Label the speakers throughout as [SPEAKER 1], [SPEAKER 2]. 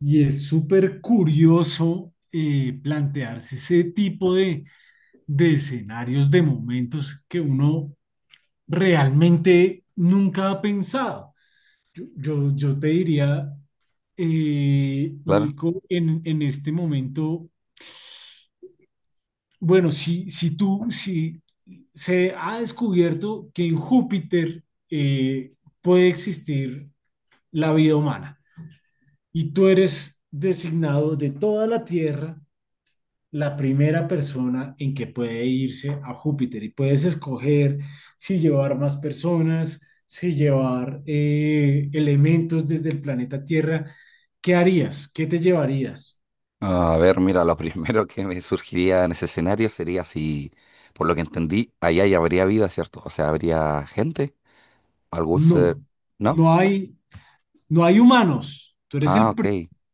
[SPEAKER 1] Y es súper curioso plantearse ese tipo de escenarios, de momentos que uno realmente nunca ha pensado. Yo te diría,
[SPEAKER 2] Claro.
[SPEAKER 1] Nico, en este momento, bueno, si tú, si se ha descubierto que en Júpiter eh, puede existir la vida humana y tú eres designado de toda la Tierra la primera persona en que puede irse a Júpiter y puedes escoger si llevar más personas, si llevar elementos desde el planeta Tierra. ¿Qué harías? ¿Qué te llevarías?
[SPEAKER 2] Ah, a ver, mira, lo primero que me surgiría en ese escenario sería, si por lo que entendí, allá ya habría vida, ¿cierto? O sea, habría gente, algún ser,
[SPEAKER 1] No,
[SPEAKER 2] ¿no?
[SPEAKER 1] no hay, no hay humanos. Tú eres
[SPEAKER 2] Ah,
[SPEAKER 1] el,
[SPEAKER 2] ok.
[SPEAKER 1] pri-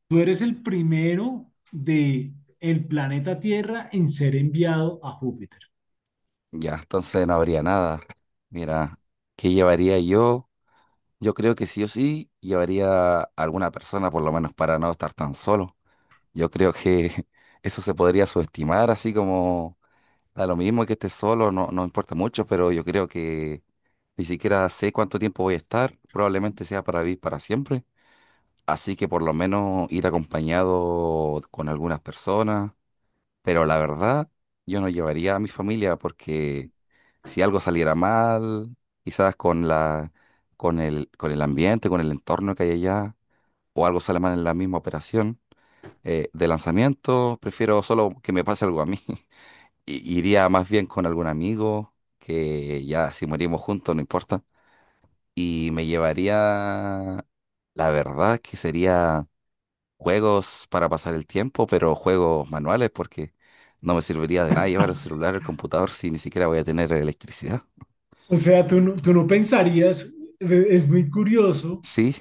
[SPEAKER 1] tú eres el primero de el planeta Tierra en ser enviado a Júpiter.
[SPEAKER 2] Ya, entonces no habría nada. Mira, ¿qué llevaría yo? Yo creo que sí o sí llevaría a alguna persona, por lo menos para no estar tan solo. Yo creo que eso se podría subestimar, así como da lo mismo que esté solo, no importa mucho, pero yo creo que ni siquiera sé cuánto tiempo voy a estar. Probablemente sea para vivir para siempre. Así que por lo menos ir acompañado con algunas personas. Pero la verdad, yo no llevaría a mi familia porque, si algo saliera mal, quizás con el ambiente, con el entorno que hay allá, o algo sale mal en la misma operación de lanzamiento, prefiero solo que me pase algo a mí. Iría más bien con algún amigo, que ya si morimos juntos, no importa. Y me llevaría, la verdad, que sería juegos para pasar el tiempo, pero juegos manuales, porque no me serviría de nada llevar el celular, el computador, si ni siquiera voy a tener electricidad.
[SPEAKER 1] O sea, tú no pensarías, es muy curioso.
[SPEAKER 2] Sí,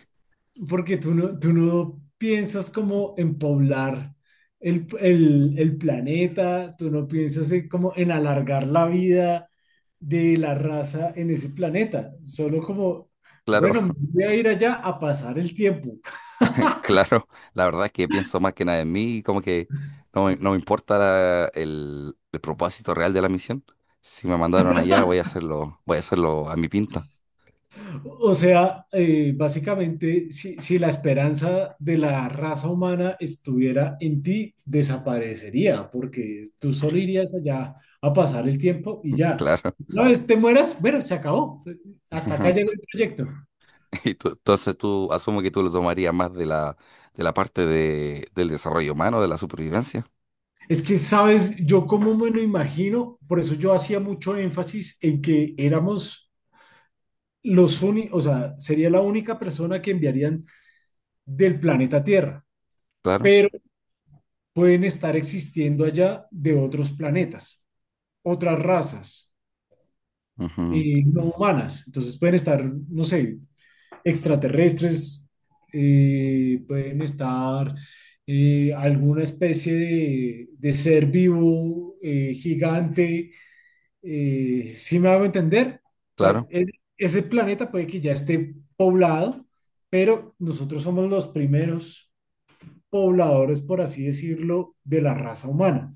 [SPEAKER 1] Porque tú no piensas como en poblar el planeta, tú no piensas en como en alargar la vida de la raza en ese planeta, solo como,
[SPEAKER 2] claro,
[SPEAKER 1] bueno, voy a ir allá a pasar el tiempo.
[SPEAKER 2] claro. La verdad es que pienso más que nada en mí, y como que no me importa el propósito real de la misión. Si me mandaron allá, voy a hacerlo a mi pinta,
[SPEAKER 1] O sea, básicamente, si la esperanza de la raza humana estuviera en ti, desaparecería, porque tú solo irías allá a pasar el tiempo y ya.
[SPEAKER 2] claro.
[SPEAKER 1] Una vez te mueras, bueno, se acabó. Hasta acá llegó el proyecto.
[SPEAKER 2] Entonces tú, asumo que tú lo tomarías más de la parte de, del desarrollo humano, de la supervivencia,
[SPEAKER 1] Es que, sabes, yo como me lo imagino, por eso yo hacía mucho énfasis en que éramos los únicos, o sea, sería la única persona que enviarían del planeta Tierra.
[SPEAKER 2] claro.
[SPEAKER 1] Pueden estar existiendo allá de otros planetas, otras razas
[SPEAKER 2] Ujú,
[SPEAKER 1] no humanas. Entonces pueden estar, no sé, extraterrestres, pueden estar alguna especie de ser vivo gigante. ¿Sí me hago entender? O sea,
[SPEAKER 2] claro.
[SPEAKER 1] e- Ese planeta puede que ya esté poblado, pero nosotros somos los primeros pobladores, por así decirlo, de la raza humana.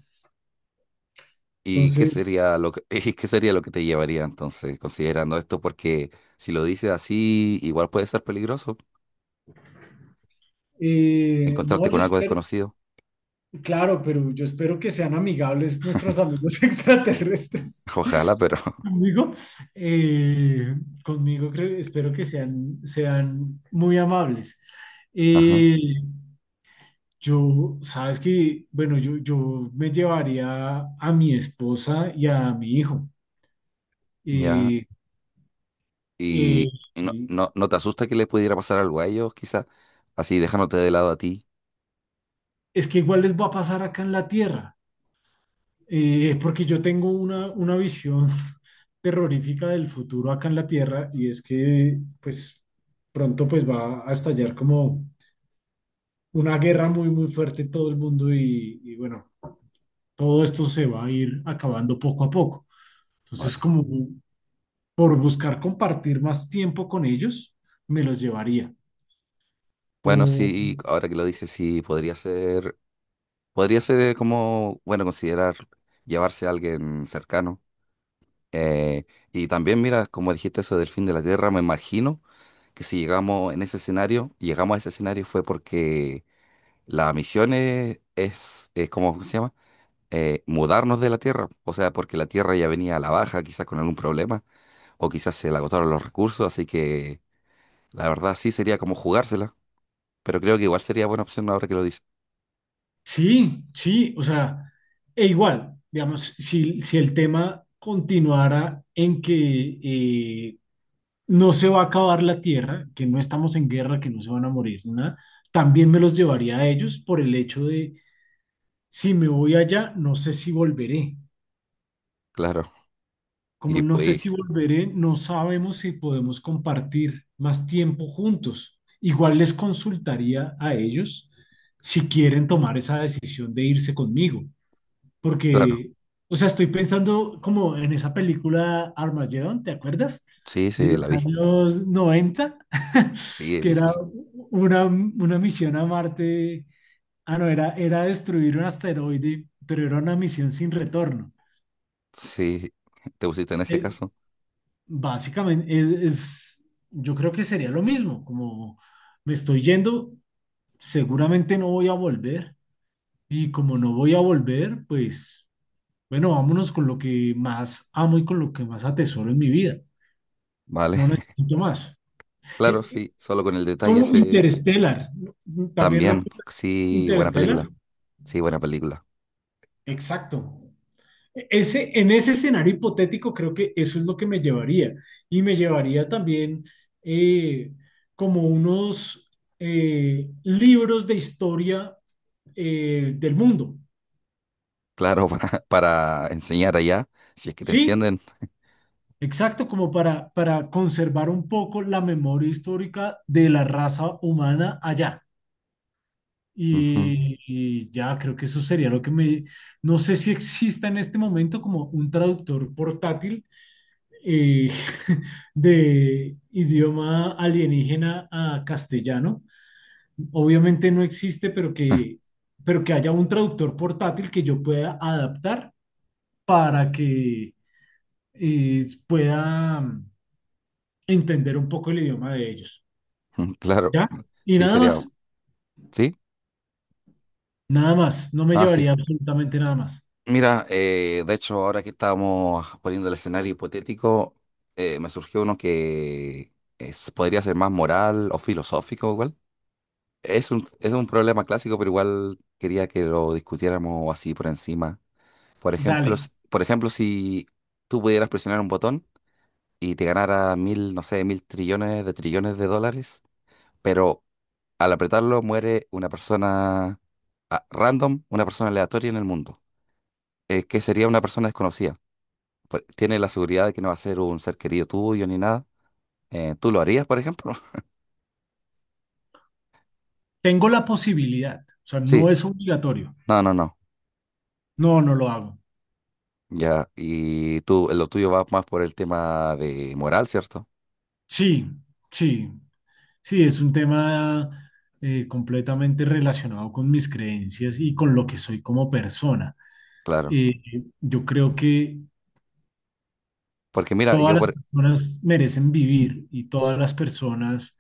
[SPEAKER 2] ¿Y qué
[SPEAKER 1] Entonces,
[SPEAKER 2] sería lo que, y qué sería lo que te llevaría entonces, considerando esto? Porque si lo dices así, igual puede ser peligroso encontrarte
[SPEAKER 1] No,
[SPEAKER 2] con
[SPEAKER 1] yo
[SPEAKER 2] algo
[SPEAKER 1] espero,
[SPEAKER 2] desconocido.
[SPEAKER 1] claro, pero yo espero que sean amigables nuestros amigos extraterrestres.
[SPEAKER 2] Ojalá, pero
[SPEAKER 1] Conmigo, eh, conmigo espero que sean muy amables.
[SPEAKER 2] ajá,
[SPEAKER 1] Eh, yo, sabes que, bueno, yo me llevaría a mi esposa y a mi hijo.
[SPEAKER 2] ya.
[SPEAKER 1] Eh, eh,
[SPEAKER 2] Y ¿no te asusta que le pudiera pasar algo a ellos, quizás? Así dejándote de lado a ti.
[SPEAKER 1] es que igual les va a pasar acá en la Tierra. Es porque yo tengo una visión terrorífica del futuro acá en la Tierra y es que pues pronto pues va a estallar como una guerra muy muy fuerte en todo el mundo y bueno, todo esto se va a ir acabando poco a poco. Entonces
[SPEAKER 2] Vale.
[SPEAKER 1] como por buscar compartir más tiempo con ellos, me los llevaría.
[SPEAKER 2] Bueno,
[SPEAKER 1] Po-
[SPEAKER 2] sí, ahora que lo dices, sí, podría ser. Podría ser como, bueno, considerar llevarse a alguien cercano. Eh, y también, mira, como dijiste eso del fin de la Tierra, me imagino que si llegamos en ese escenario, llegamos a ese escenario fue porque la misión es como ¿cómo se llama? Mudarnos de la Tierra. O sea, porque la Tierra ya venía a la baja, quizás con algún problema, o quizás se le agotaron los recursos, así que la verdad sí sería como jugársela. Pero creo que igual sería buena opción ahora que lo dices.
[SPEAKER 1] sí, sí, o sea, e igual, digamos, si el tema continuara en que no se va a acabar la tierra, que no estamos en guerra, que no se van a morir, nada, también me los llevaría a ellos por el hecho de, si me voy allá, no sé si volveré.
[SPEAKER 2] Claro.
[SPEAKER 1] Como
[SPEAKER 2] Y
[SPEAKER 1] no sé
[SPEAKER 2] pues,
[SPEAKER 1] si volveré, no sabemos si podemos compartir más tiempo juntos. Igual les consultaría a ellos si quieren tomar esa decisión de irse conmigo,
[SPEAKER 2] claro.
[SPEAKER 1] porque, o sea, estoy pensando como en esa película Armageddon, ¿te acuerdas?
[SPEAKER 2] Sí,
[SPEAKER 1] De
[SPEAKER 2] sí, la
[SPEAKER 1] los
[SPEAKER 2] vi.
[SPEAKER 1] años noventa.
[SPEAKER 2] Sí,
[SPEAKER 1] Que era
[SPEAKER 2] viejizo.
[SPEAKER 1] una misión a Marte. Ah, no, era destruir un asteroide, pero era una misión sin retorno.
[SPEAKER 2] Sí, te pusiste en ese
[SPEAKER 1] Eh,
[SPEAKER 2] caso.
[SPEAKER 1] básicamente, yo creo que sería lo mismo, como me estoy yendo, seguramente no voy a volver, y como no voy a volver, pues bueno, vámonos con lo que más amo y con lo que más atesoro en mi vida.
[SPEAKER 2] Vale.
[SPEAKER 1] No necesito más.
[SPEAKER 2] Claro,
[SPEAKER 1] Eh, eh,
[SPEAKER 2] sí, solo con el detalle
[SPEAKER 1] como
[SPEAKER 2] ese
[SPEAKER 1] Interstellar. ¿No? ¿También
[SPEAKER 2] también.
[SPEAKER 1] repitas
[SPEAKER 2] Sí, buena
[SPEAKER 1] Interstellar?
[SPEAKER 2] película. Sí, buena película.
[SPEAKER 1] Exacto. Ese, en ese escenario hipotético creo que eso es lo que me llevaría. Y me llevaría también eh, como unos libros de historia del mundo.
[SPEAKER 2] Claro, para enseñar allá, si es que te
[SPEAKER 1] ¿Sí?
[SPEAKER 2] entienden.
[SPEAKER 1] Exacto, como para conservar un poco la memoria histórica de la raza humana allá.
[SPEAKER 2] Ujú.
[SPEAKER 1] Y ya creo que eso sería lo que me... No sé si exista en este momento como un traductor portátil eh, de idioma alienígena a castellano. Obviamente no existe, pero pero que haya un traductor portátil que yo pueda adaptar para que pueda entender un poco el idioma de ellos.
[SPEAKER 2] Claro,
[SPEAKER 1] ¿Ya? Y
[SPEAKER 2] sí,
[SPEAKER 1] nada
[SPEAKER 2] sería.
[SPEAKER 1] más,
[SPEAKER 2] ¿Sí?
[SPEAKER 1] nada más, no me
[SPEAKER 2] Ah, sí.
[SPEAKER 1] llevaría absolutamente nada más.
[SPEAKER 2] Mira, de hecho, ahora que estábamos poniendo el escenario hipotético, me surgió uno que podría ser más moral o filosófico, igual. Es un problema clásico, pero igual quería que lo discutiéramos así por encima. Por ejemplo,
[SPEAKER 1] Dale,
[SPEAKER 2] por ejemplo, si tú pudieras presionar un botón y te ganara mil, no sé, mil trillones de dólares, pero al apretarlo muere una persona, ah, random, una persona aleatoria en el mundo, que sería una persona desconocida. Tiene la seguridad de que no va a ser un ser querido tuyo ni nada. ¿Tú lo harías, por ejemplo?
[SPEAKER 1] tengo la posibilidad, o sea, no
[SPEAKER 2] Sí.
[SPEAKER 1] es obligatorio.
[SPEAKER 2] No, no, no.
[SPEAKER 1] No, no lo hago.
[SPEAKER 2] Ya, y tú, lo tuyo va más por el tema de moral, ¿cierto?
[SPEAKER 1] Sí, sí, sí, es un tema completamente relacionado con mis creencias y con lo que soy como persona.
[SPEAKER 2] Claro.
[SPEAKER 1] Eh, yo creo que
[SPEAKER 2] Porque mira,
[SPEAKER 1] todas
[SPEAKER 2] yo
[SPEAKER 1] las
[SPEAKER 2] por,
[SPEAKER 1] personas merecen vivir y todas las personas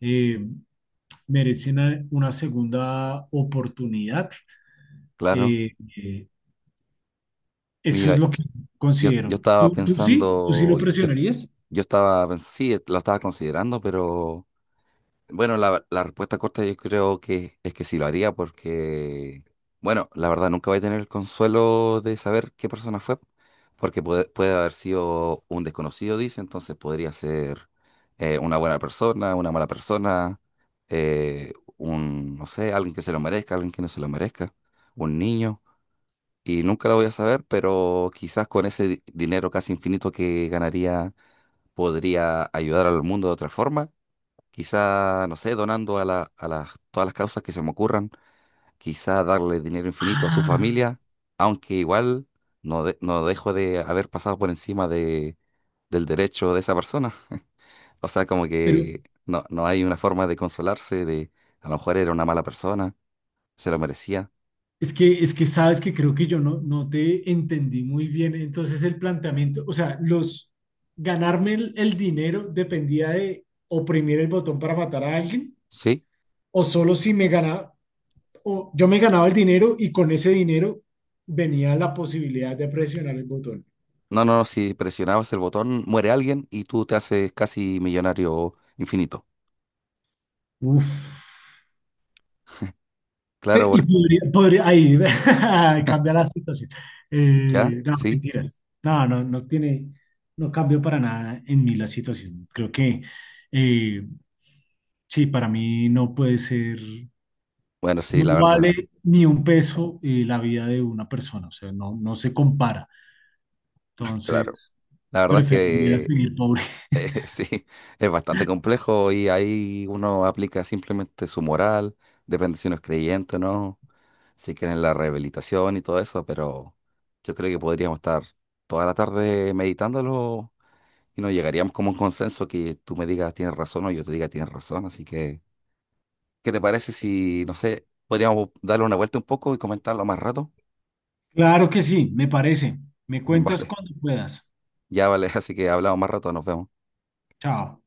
[SPEAKER 1] eh, merecen una segunda oportunidad.
[SPEAKER 2] claro,
[SPEAKER 1] Eh, eh, eso
[SPEAKER 2] mira,
[SPEAKER 1] es lo que
[SPEAKER 2] yo
[SPEAKER 1] considero.
[SPEAKER 2] estaba
[SPEAKER 1] ¿Tú, tú sí? ¿Tú sí
[SPEAKER 2] pensando,
[SPEAKER 1] lo
[SPEAKER 2] yo,
[SPEAKER 1] presionarías?
[SPEAKER 2] yo estaba, sí, lo estaba considerando, pero bueno, la respuesta corta yo creo que es que sí lo haría porque, bueno, la verdad nunca voy a tener el consuelo de saber qué persona fue, porque puede haber sido un desconocido, dice, entonces podría ser una buena persona, una mala persona, no sé, alguien que se lo merezca, alguien que no se lo merezca, un niño, y nunca lo voy a saber, pero quizás con ese dinero casi infinito que ganaría podría ayudar al mundo de otra forma, quizá, no sé, donando a las, todas las causas que se me ocurran, quizá darle dinero infinito a su
[SPEAKER 1] Ah,
[SPEAKER 2] familia, aunque igual no, no dejo de haber pasado por encima de, del derecho de esa persona. O sea, como
[SPEAKER 1] pero
[SPEAKER 2] que no, no hay una forma de consolarse de a lo mejor era una mala persona, se lo merecía.
[SPEAKER 1] es que sabes que creo que yo no, no te entendí muy bien. Entonces el planteamiento, o sea, los ganarme el dinero dependía de oprimir el botón para matar a alguien,
[SPEAKER 2] Sí,
[SPEAKER 1] o solo si me ganaba, o yo me ganaba el dinero y con ese dinero venía la posibilidad de presionar el botón.
[SPEAKER 2] no, no, no, si presionabas el botón, muere alguien y tú te haces casi millonario infinito.
[SPEAKER 1] Uf.
[SPEAKER 2] Claro,
[SPEAKER 1] Y
[SPEAKER 2] porque
[SPEAKER 1] ahí, cambia la situación.
[SPEAKER 2] ya,
[SPEAKER 1] No,
[SPEAKER 2] sí.
[SPEAKER 1] mentiras. No, no cambió para nada en mí la situación. Creo que eh, sí, para mí no puede ser,
[SPEAKER 2] Bueno, sí,
[SPEAKER 1] no
[SPEAKER 2] la verdad,
[SPEAKER 1] vale ni un peso la vida de una persona, o sea, no, no se compara.
[SPEAKER 2] claro.
[SPEAKER 1] Entonces,
[SPEAKER 2] La verdad es
[SPEAKER 1] preferiría
[SPEAKER 2] que
[SPEAKER 1] seguir pobre.
[SPEAKER 2] sí, es bastante complejo y ahí uno aplica simplemente su moral, depende si uno es creyente o no, si quieren la rehabilitación y todo eso, pero yo creo que podríamos estar toda la tarde meditándolo y nos llegaríamos como a un consenso que tú me digas tienes razón o yo te diga tienes razón, así que, ¿qué te parece si, no sé, podríamos darle una vuelta un poco y comentarlo más rato?
[SPEAKER 1] Claro que sí, me parece. Me cuentas
[SPEAKER 2] Vale,
[SPEAKER 1] cuando puedas.
[SPEAKER 2] ya vale, así que hablamos más rato, nos vemos.
[SPEAKER 1] Chao.